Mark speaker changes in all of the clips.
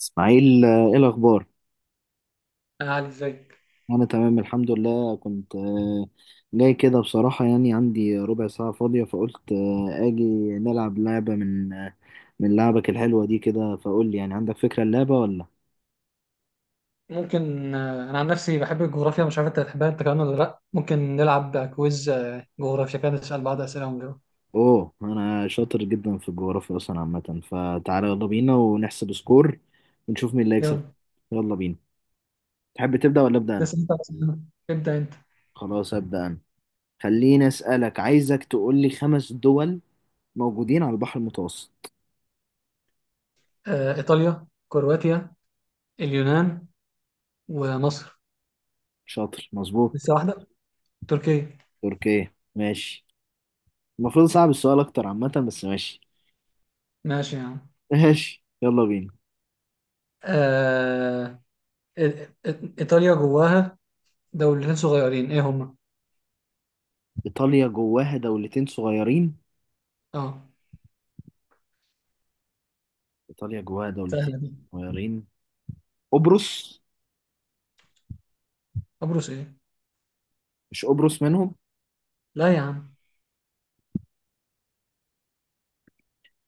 Speaker 1: اسماعيل، ايه الاخبار؟
Speaker 2: علي، ازيك؟
Speaker 1: انا تمام الحمد لله. كنت جاي كده بصراحة، يعني عندي ربع ساعة فاضية، فقلت اجي نلعب لعبة من لعبك الحلوة دي كده. فقول لي، يعني عندك فكرة اللعبة ولا؟
Speaker 2: ممكن انا عن نفسي بحب الجغرافيا، مش عارف انت بتحبها انت كمان ولا لا. ممكن نلعب كويز جغرافيا كده، نسال بعض اسئله ونجاوب.
Speaker 1: اوه، انا شاطر جدا في الجغرافيا اصلا عامة. فتعالى يلا بينا ونحسب سكور ونشوف مين اللي هيكسب.
Speaker 2: يلا
Speaker 1: يلا بينا. تحب تبدأ ولا أبدأ انا؟
Speaker 2: تسال انت أسئلة. ابدا انت.
Speaker 1: خلاص أبدأ انا. خليني أسألك، عايزك تقول لي خمس دول موجودين على البحر المتوسط.
Speaker 2: ايطاليا، كرواتيا، اليونان، ومصر.
Speaker 1: شاطر، مظبوط.
Speaker 2: لسه واحده. تركيا.
Speaker 1: تركيا، ماشي. المفروض صعب السؤال اكتر عامة بس ماشي.
Speaker 2: ماشي يا عم.
Speaker 1: ماشي، يلا بينا.
Speaker 2: آه، إي- ايطاليا جواها دولتين صغيرين، ايه هما؟
Speaker 1: ايطاليا جواها دولتين صغيرين.
Speaker 2: اه،
Speaker 1: ايطاليا جواها دولتين
Speaker 2: سهله دي.
Speaker 1: صغيرين. قبرص.
Speaker 2: قبرص ايه؟
Speaker 1: مش قبرص منهم؟
Speaker 2: لا يا عم،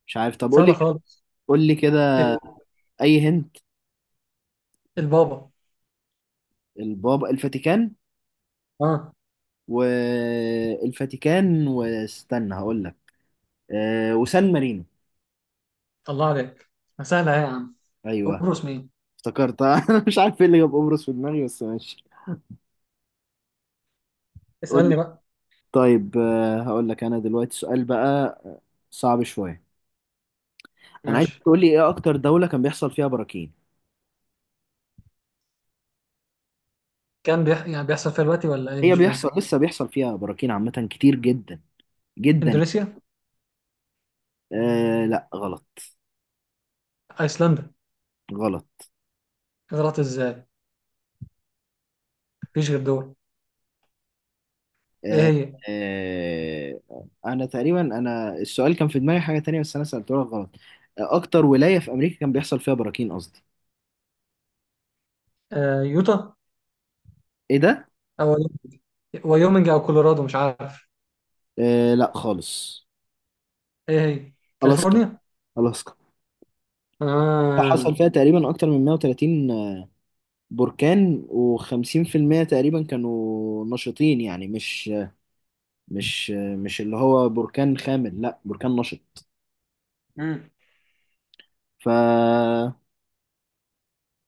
Speaker 1: مش عارف، طب قول
Speaker 2: سهله
Speaker 1: لي كده.
Speaker 2: خالص.
Speaker 1: قول لي كده.
Speaker 2: ال-
Speaker 1: اي هنت.
Speaker 2: البابا.
Speaker 1: البابا، الفاتيكان.
Speaker 2: اه،
Speaker 1: والفاتيكان، واستنى هقول لك. وسان مارينو.
Speaker 2: الله عليك. سهله إيه يا عم؟
Speaker 1: ايوه.
Speaker 2: قبرص مين؟
Speaker 1: افتكرت. انا مش عارف ايه اللي جاب قبرص في دماغي بس ماشي. قول لي.
Speaker 2: اسألني بقى.
Speaker 1: طيب، هقول لك انا دلوقتي سؤال بقى صعب شوية. انا عايز
Speaker 2: ماشي.
Speaker 1: تقول لي ايه اكتر دولة كان بيحصل فيها براكين؟
Speaker 2: يعني بيحصل فيها دلوقتي ولا ايه،
Speaker 1: هي
Speaker 2: مش فاهم.
Speaker 1: بيحصل، لسه بيحصل فيها براكين عامة كتير جدا جدا يعني.
Speaker 2: اندونيسيا.
Speaker 1: لا غلط.
Speaker 2: ايسلندا.
Speaker 1: غلط.
Speaker 2: غلط ازاي؟ مفيش غير دول. ايه
Speaker 1: آه
Speaker 2: هي؟
Speaker 1: آه انا تقريبا، انا السؤال كان في دماغي حاجة تانية بس انا سألته لك غلط. اكتر ولاية في امريكا كان بيحصل فيها براكين قصدي.
Speaker 2: يوتا.
Speaker 1: ايه ده؟
Speaker 2: او ويومنج، او كولورادو، مش عارف.
Speaker 1: لا خالص.
Speaker 2: ايه هي؟
Speaker 1: الاسكا.
Speaker 2: كاليفورنيا.
Speaker 1: الاسكا.
Speaker 2: آه.
Speaker 1: حصل فيها تقريبا اكتر من 130 بركان و50% تقريبا كانوا نشطين، يعني مش مش مش اللي هو بركان خامل، لا بركان نشط.
Speaker 2: مم.
Speaker 1: ف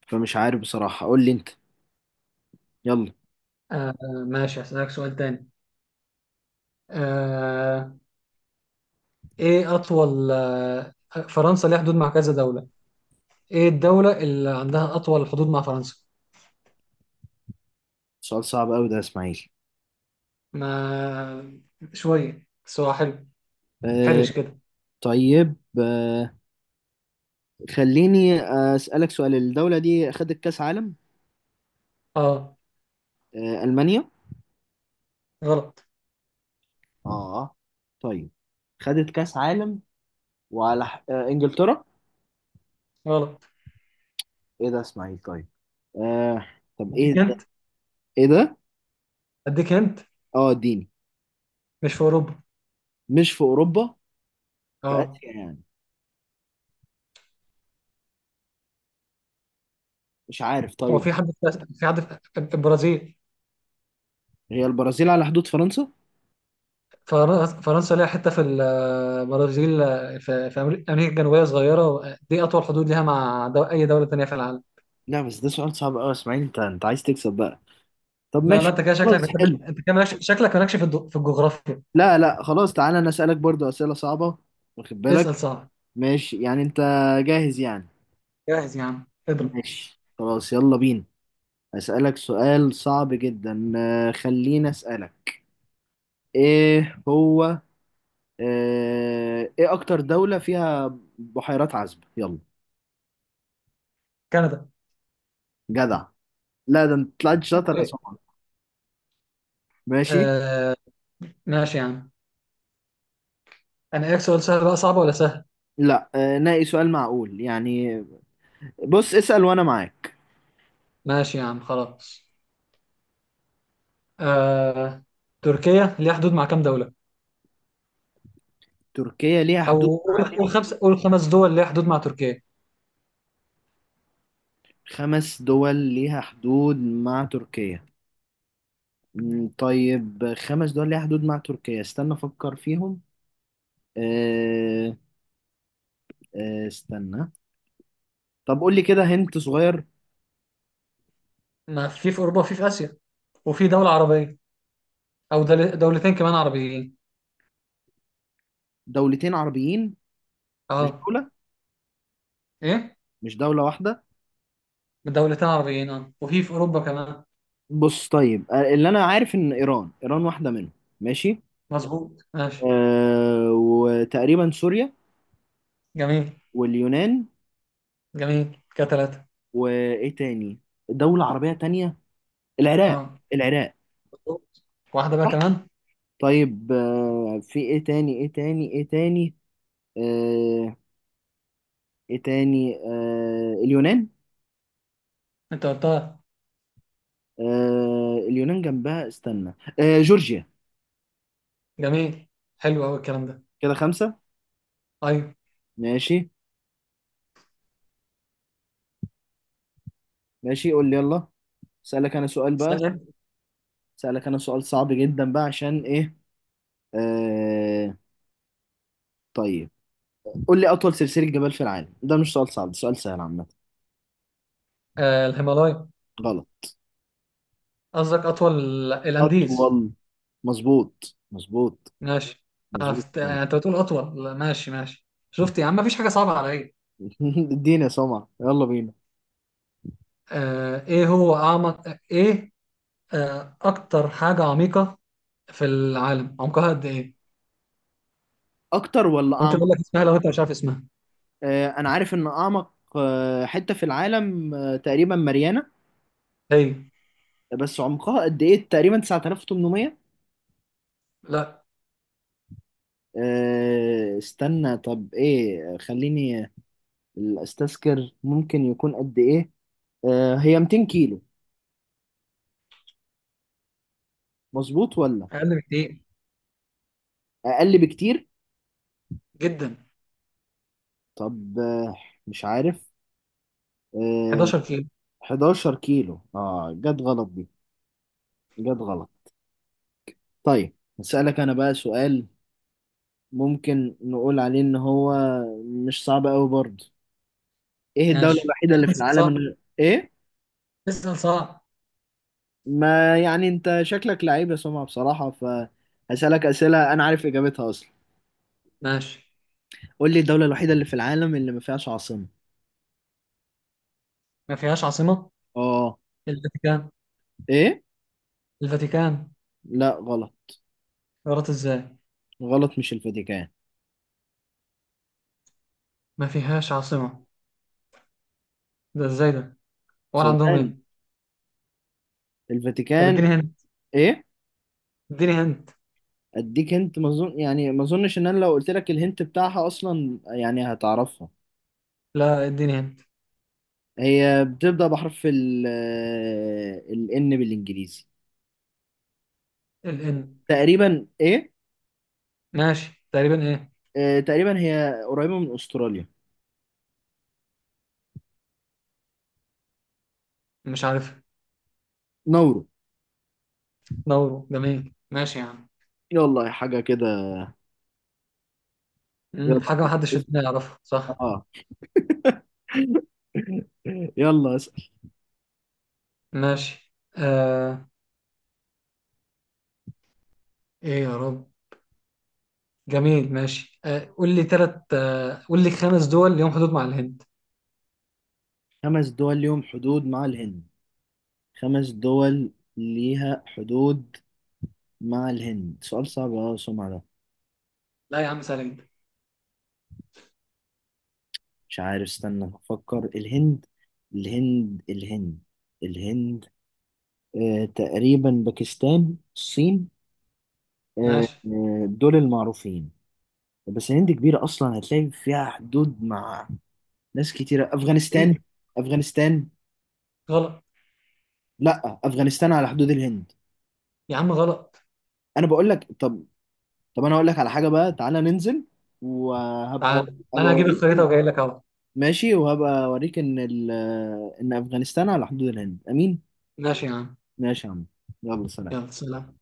Speaker 1: فمش عارف بصراحة، قول لي انت يلا.
Speaker 2: آه ماشي، هسألك سؤال تاني. آه ايه اطول فرنسا ليها حدود مع كذا دولة. ايه الدولة اللي عندها اطول حدود مع فرنسا؟
Speaker 1: سؤال صعب قوي ده يا اسماعيل.
Speaker 2: ما، شوية بس هو حلو.
Speaker 1: أه
Speaker 2: حرش كده.
Speaker 1: طيب، خليني أسألك سؤال. الدولة دي خدت كأس عالم.
Speaker 2: اه.
Speaker 1: ألمانيا.
Speaker 2: غلط.
Speaker 1: اه، طيب، خدت كأس عالم. وعلى ح- أه إنجلترا.
Speaker 2: غلط.
Speaker 1: ايه ده يا اسماعيل؟ طيب، أه طب ايه
Speaker 2: اديك
Speaker 1: ده؟
Speaker 2: انت.
Speaker 1: ايه ده؟
Speaker 2: اديك انت.
Speaker 1: اه اديني.
Speaker 2: مش في اوروبا.
Speaker 1: مش في أوروبا. في
Speaker 2: اه.
Speaker 1: آسيا يعني؟ مش عارف،
Speaker 2: هو
Speaker 1: طيب.
Speaker 2: في حد في حد في البرازيل؟
Speaker 1: هي البرازيل على حدود فرنسا؟
Speaker 2: فرنسا ليها حته في البرازيل. في امريكا الجنوبيه صغيره دي اطول حدود ليها اي دوله تانيه في العالم.
Speaker 1: لا بس ده سؤال صعب قوي اسماعيل، انت عايز تكسب بقى. طب
Speaker 2: لا، لا،
Speaker 1: ماشي.
Speaker 2: انت كده شكلك
Speaker 1: خلاص حلو.
Speaker 2: بتحب- انت كده مالكش- شكلك مالكش في الجغرافيا.
Speaker 1: لا لا خلاص، تعالى انا اسالك برضو اسئله صعبه. واخد
Speaker 2: اسال
Speaker 1: بالك؟
Speaker 2: صح.
Speaker 1: ماشي يعني، انت جاهز يعني؟
Speaker 2: جاهز يا عم، اضرب.
Speaker 1: ماشي خلاص، يلا بينا. اسالك سؤال صعب جدا، خليني اسالك ايه هو. ايه اكتر دوله فيها بحيرات عذبه؟ يلا.
Speaker 2: كندا.
Speaker 1: جدع! لا ده انت طلعت شاطر يا
Speaker 2: إيه؟
Speaker 1: سمر. ماشي.
Speaker 2: آه. ماشي يا عم. انا، ايه سؤال سهل بقى صعب ولا سهل؟
Speaker 1: لا، ناقي سؤال معقول يعني. بص اسال وانا معاك.
Speaker 2: ماشي يا عم، خلاص. آه. تركيا ليها حدود مع كام دوله؟
Speaker 1: تركيا ليها حدود.
Speaker 2: او تقريبا، والخمس دول اللي هي حدود مع تركيا.
Speaker 1: خمس دول ليها حدود مع تركيا. مم، طيب، خمس دول ليها حدود مع تركيا، استنى افكر فيهم. أه أه استنى، طب قول لي كده هنت صغير.
Speaker 2: ما في اوروبا وفي اسيا. وفي دوله عربيه، او دولتين كمان عربيين.
Speaker 1: دولتين عربيين؟ مش
Speaker 2: اه.
Speaker 1: دولة؟
Speaker 2: ايه.
Speaker 1: مش دولة واحدة؟
Speaker 2: دولتين عربيين. اه، وفي اوروبا كمان.
Speaker 1: بص طيب، اللي انا عارف ان ايران واحدة منهم. ماشي.
Speaker 2: مظبوط، ماشي.
Speaker 1: وتقريبا سوريا.
Speaker 2: جميل.
Speaker 1: واليونان.
Speaker 2: جميل كده، ثلاثه.
Speaker 1: وايه تاني؟ دولة عربية تانية؟ العراق.
Speaker 2: اه.
Speaker 1: العراق.
Speaker 2: مظبوط. واحده بقى
Speaker 1: صح.
Speaker 2: كمان.
Speaker 1: طيب، في ايه تاني؟ ايه تاني؟ ايه تاني؟ آه، ايه تاني. اليونان.
Speaker 2: انت قلتها.
Speaker 1: اليونان جنبها، استنى. جورجيا.
Speaker 2: جميل. حلو قوي الكلام ده.
Speaker 1: كده خمسة.
Speaker 2: ايوه.
Speaker 1: ماشي. ماشي، قول لي يلا. سألك انا سؤال بقى.
Speaker 2: استنى.
Speaker 1: سألك انا سؤال صعب جدا بقى، عشان ايه. آه، طيب، قول لي اطول سلسلة جبال في العالم. ده مش سؤال صعب، ده سؤال سهل عامة.
Speaker 2: الهيمالايا.
Speaker 1: غلط.
Speaker 2: قصدك اطول. الانديز.
Speaker 1: اطول، مظبوط. مظبوط.
Speaker 2: ماشي.
Speaker 1: مظبوط سمع.
Speaker 2: انت بتقول اطول. لا، ماشي، ماشي. شفت يا عم، مفيش حاجه صعبه عليا.
Speaker 1: اديني يا سمع، يلا بينا.
Speaker 2: ايه هو اعمق ايه؟ اكتر حاجة عميقة في العالم عمقها قد ايه؟
Speaker 1: اكتر ولا
Speaker 2: ممكن اقول
Speaker 1: اعمق؟
Speaker 2: لك اسمها لو انت مش عارف اسمها.
Speaker 1: انا عارف ان اعمق حته في العالم تقريبا ماريانا.
Speaker 2: هي.
Speaker 1: بس عمقها قد ايه؟ تقريبا 9800.
Speaker 2: لا.
Speaker 1: استنى، طب ايه، خليني استذكر ممكن يكون قد ايه. هي 200 كيلو، مظبوط ولا؟
Speaker 2: اقل بكتير.
Speaker 1: اقل بكتير.
Speaker 2: جدا.
Speaker 1: طب، مش عارف. آه،
Speaker 2: 11 كيلو.
Speaker 1: 11 كيلو، اه جت غلط دي. جت غلط. طيب، هسألك انا بقى سؤال ممكن نقول عليه ان هو مش صعب قوي برضه. ايه الدولة
Speaker 2: ماشي،
Speaker 1: الوحيدة
Speaker 2: يعني
Speaker 1: اللي في
Speaker 2: اسال
Speaker 1: العالم من
Speaker 2: صعب،
Speaker 1: غير ايه؟
Speaker 2: اسال صعب،
Speaker 1: ما يعني انت شكلك لعيب يا سمعة بصراحة، فهسألك أسئلة انا عارف اجابتها اصلا.
Speaker 2: ماشي.
Speaker 1: قول لي الدولة الوحيدة اللي في العالم اللي ما فيهاش عاصمة.
Speaker 2: ما فيهاش عاصمة؟
Speaker 1: اه.
Speaker 2: الفاتيكان.
Speaker 1: ايه.
Speaker 2: الفاتيكان.
Speaker 1: لا، غلط.
Speaker 2: غلط ازاي؟
Speaker 1: غلط مش الفاتيكان.
Speaker 2: ما فيهاش عاصمة؟ ده ازاي ده؟ ولا عندهم
Speaker 1: صدقني
Speaker 2: ايه؟ طب
Speaker 1: الفاتيكان.
Speaker 2: اديني هنت.
Speaker 1: ايه؟
Speaker 2: اديني هنت.
Speaker 1: اديك انت؟ ما اظن يعني، ما اظنش ان انا لو قلت لك الهنت بتاعها اصلا يعني هتعرفها.
Speaker 2: لا، اديني هنت.
Speaker 1: هي بتبدأ بحرف ال، الان بالانجليزي.
Speaker 2: الان.
Speaker 1: تقريبا ايه؟
Speaker 2: ماشي، تقريبا ايه؟
Speaker 1: تقريبا هي قريبة من استراليا.
Speaker 2: مش عارف.
Speaker 1: نورو.
Speaker 2: دوروا، جميل، ماشي يا عم.
Speaker 1: يلا، حاجة كده. يلا.
Speaker 2: حاجة محدش في الدنيا يعرفها، صح؟
Speaker 1: اه. يلا اسأل.
Speaker 2: ماشي. ايه يا رب. جميل، ماشي. قول لي خمس دول ليهم حدود مع الهند.
Speaker 1: خمس دول ليهم حدود مع الهند. خمس دول ليها حدود مع الهند، سؤال صعب اه سمع ده.
Speaker 2: لا يا عم، سهلة جدا.
Speaker 1: مش عارف، استنى افكر. الهند الهند الهند الهند. تقريبا باكستان، الصين. آه
Speaker 2: ماشي.
Speaker 1: دول المعروفين. بس الهند كبيرة أصلا، هتلاقي فيها حدود مع ناس كتيرة. أفغانستان.
Speaker 2: ايه.
Speaker 1: أفغانستان.
Speaker 2: غلط.
Speaker 1: لأ، أفغانستان على حدود الهند.
Speaker 2: يا عم، غلط.
Speaker 1: انا بقول لك. طب، انا هقول لك على حاجه بقى، تعالى ننزل. وهبقى
Speaker 2: تعال،
Speaker 1: هبقى
Speaker 2: انا هجيب
Speaker 1: اوريك
Speaker 2: الخريطة
Speaker 1: إن-
Speaker 2: وجاي لك اهو.
Speaker 1: ماشي. وهبقى اوريك ان ان افغانستان على حدود الهند، امين.
Speaker 2: ماشي يا عم.
Speaker 1: ماشي يا عم. يلا،
Speaker 2: يلا،
Speaker 1: سلام.
Speaker 2: سلام.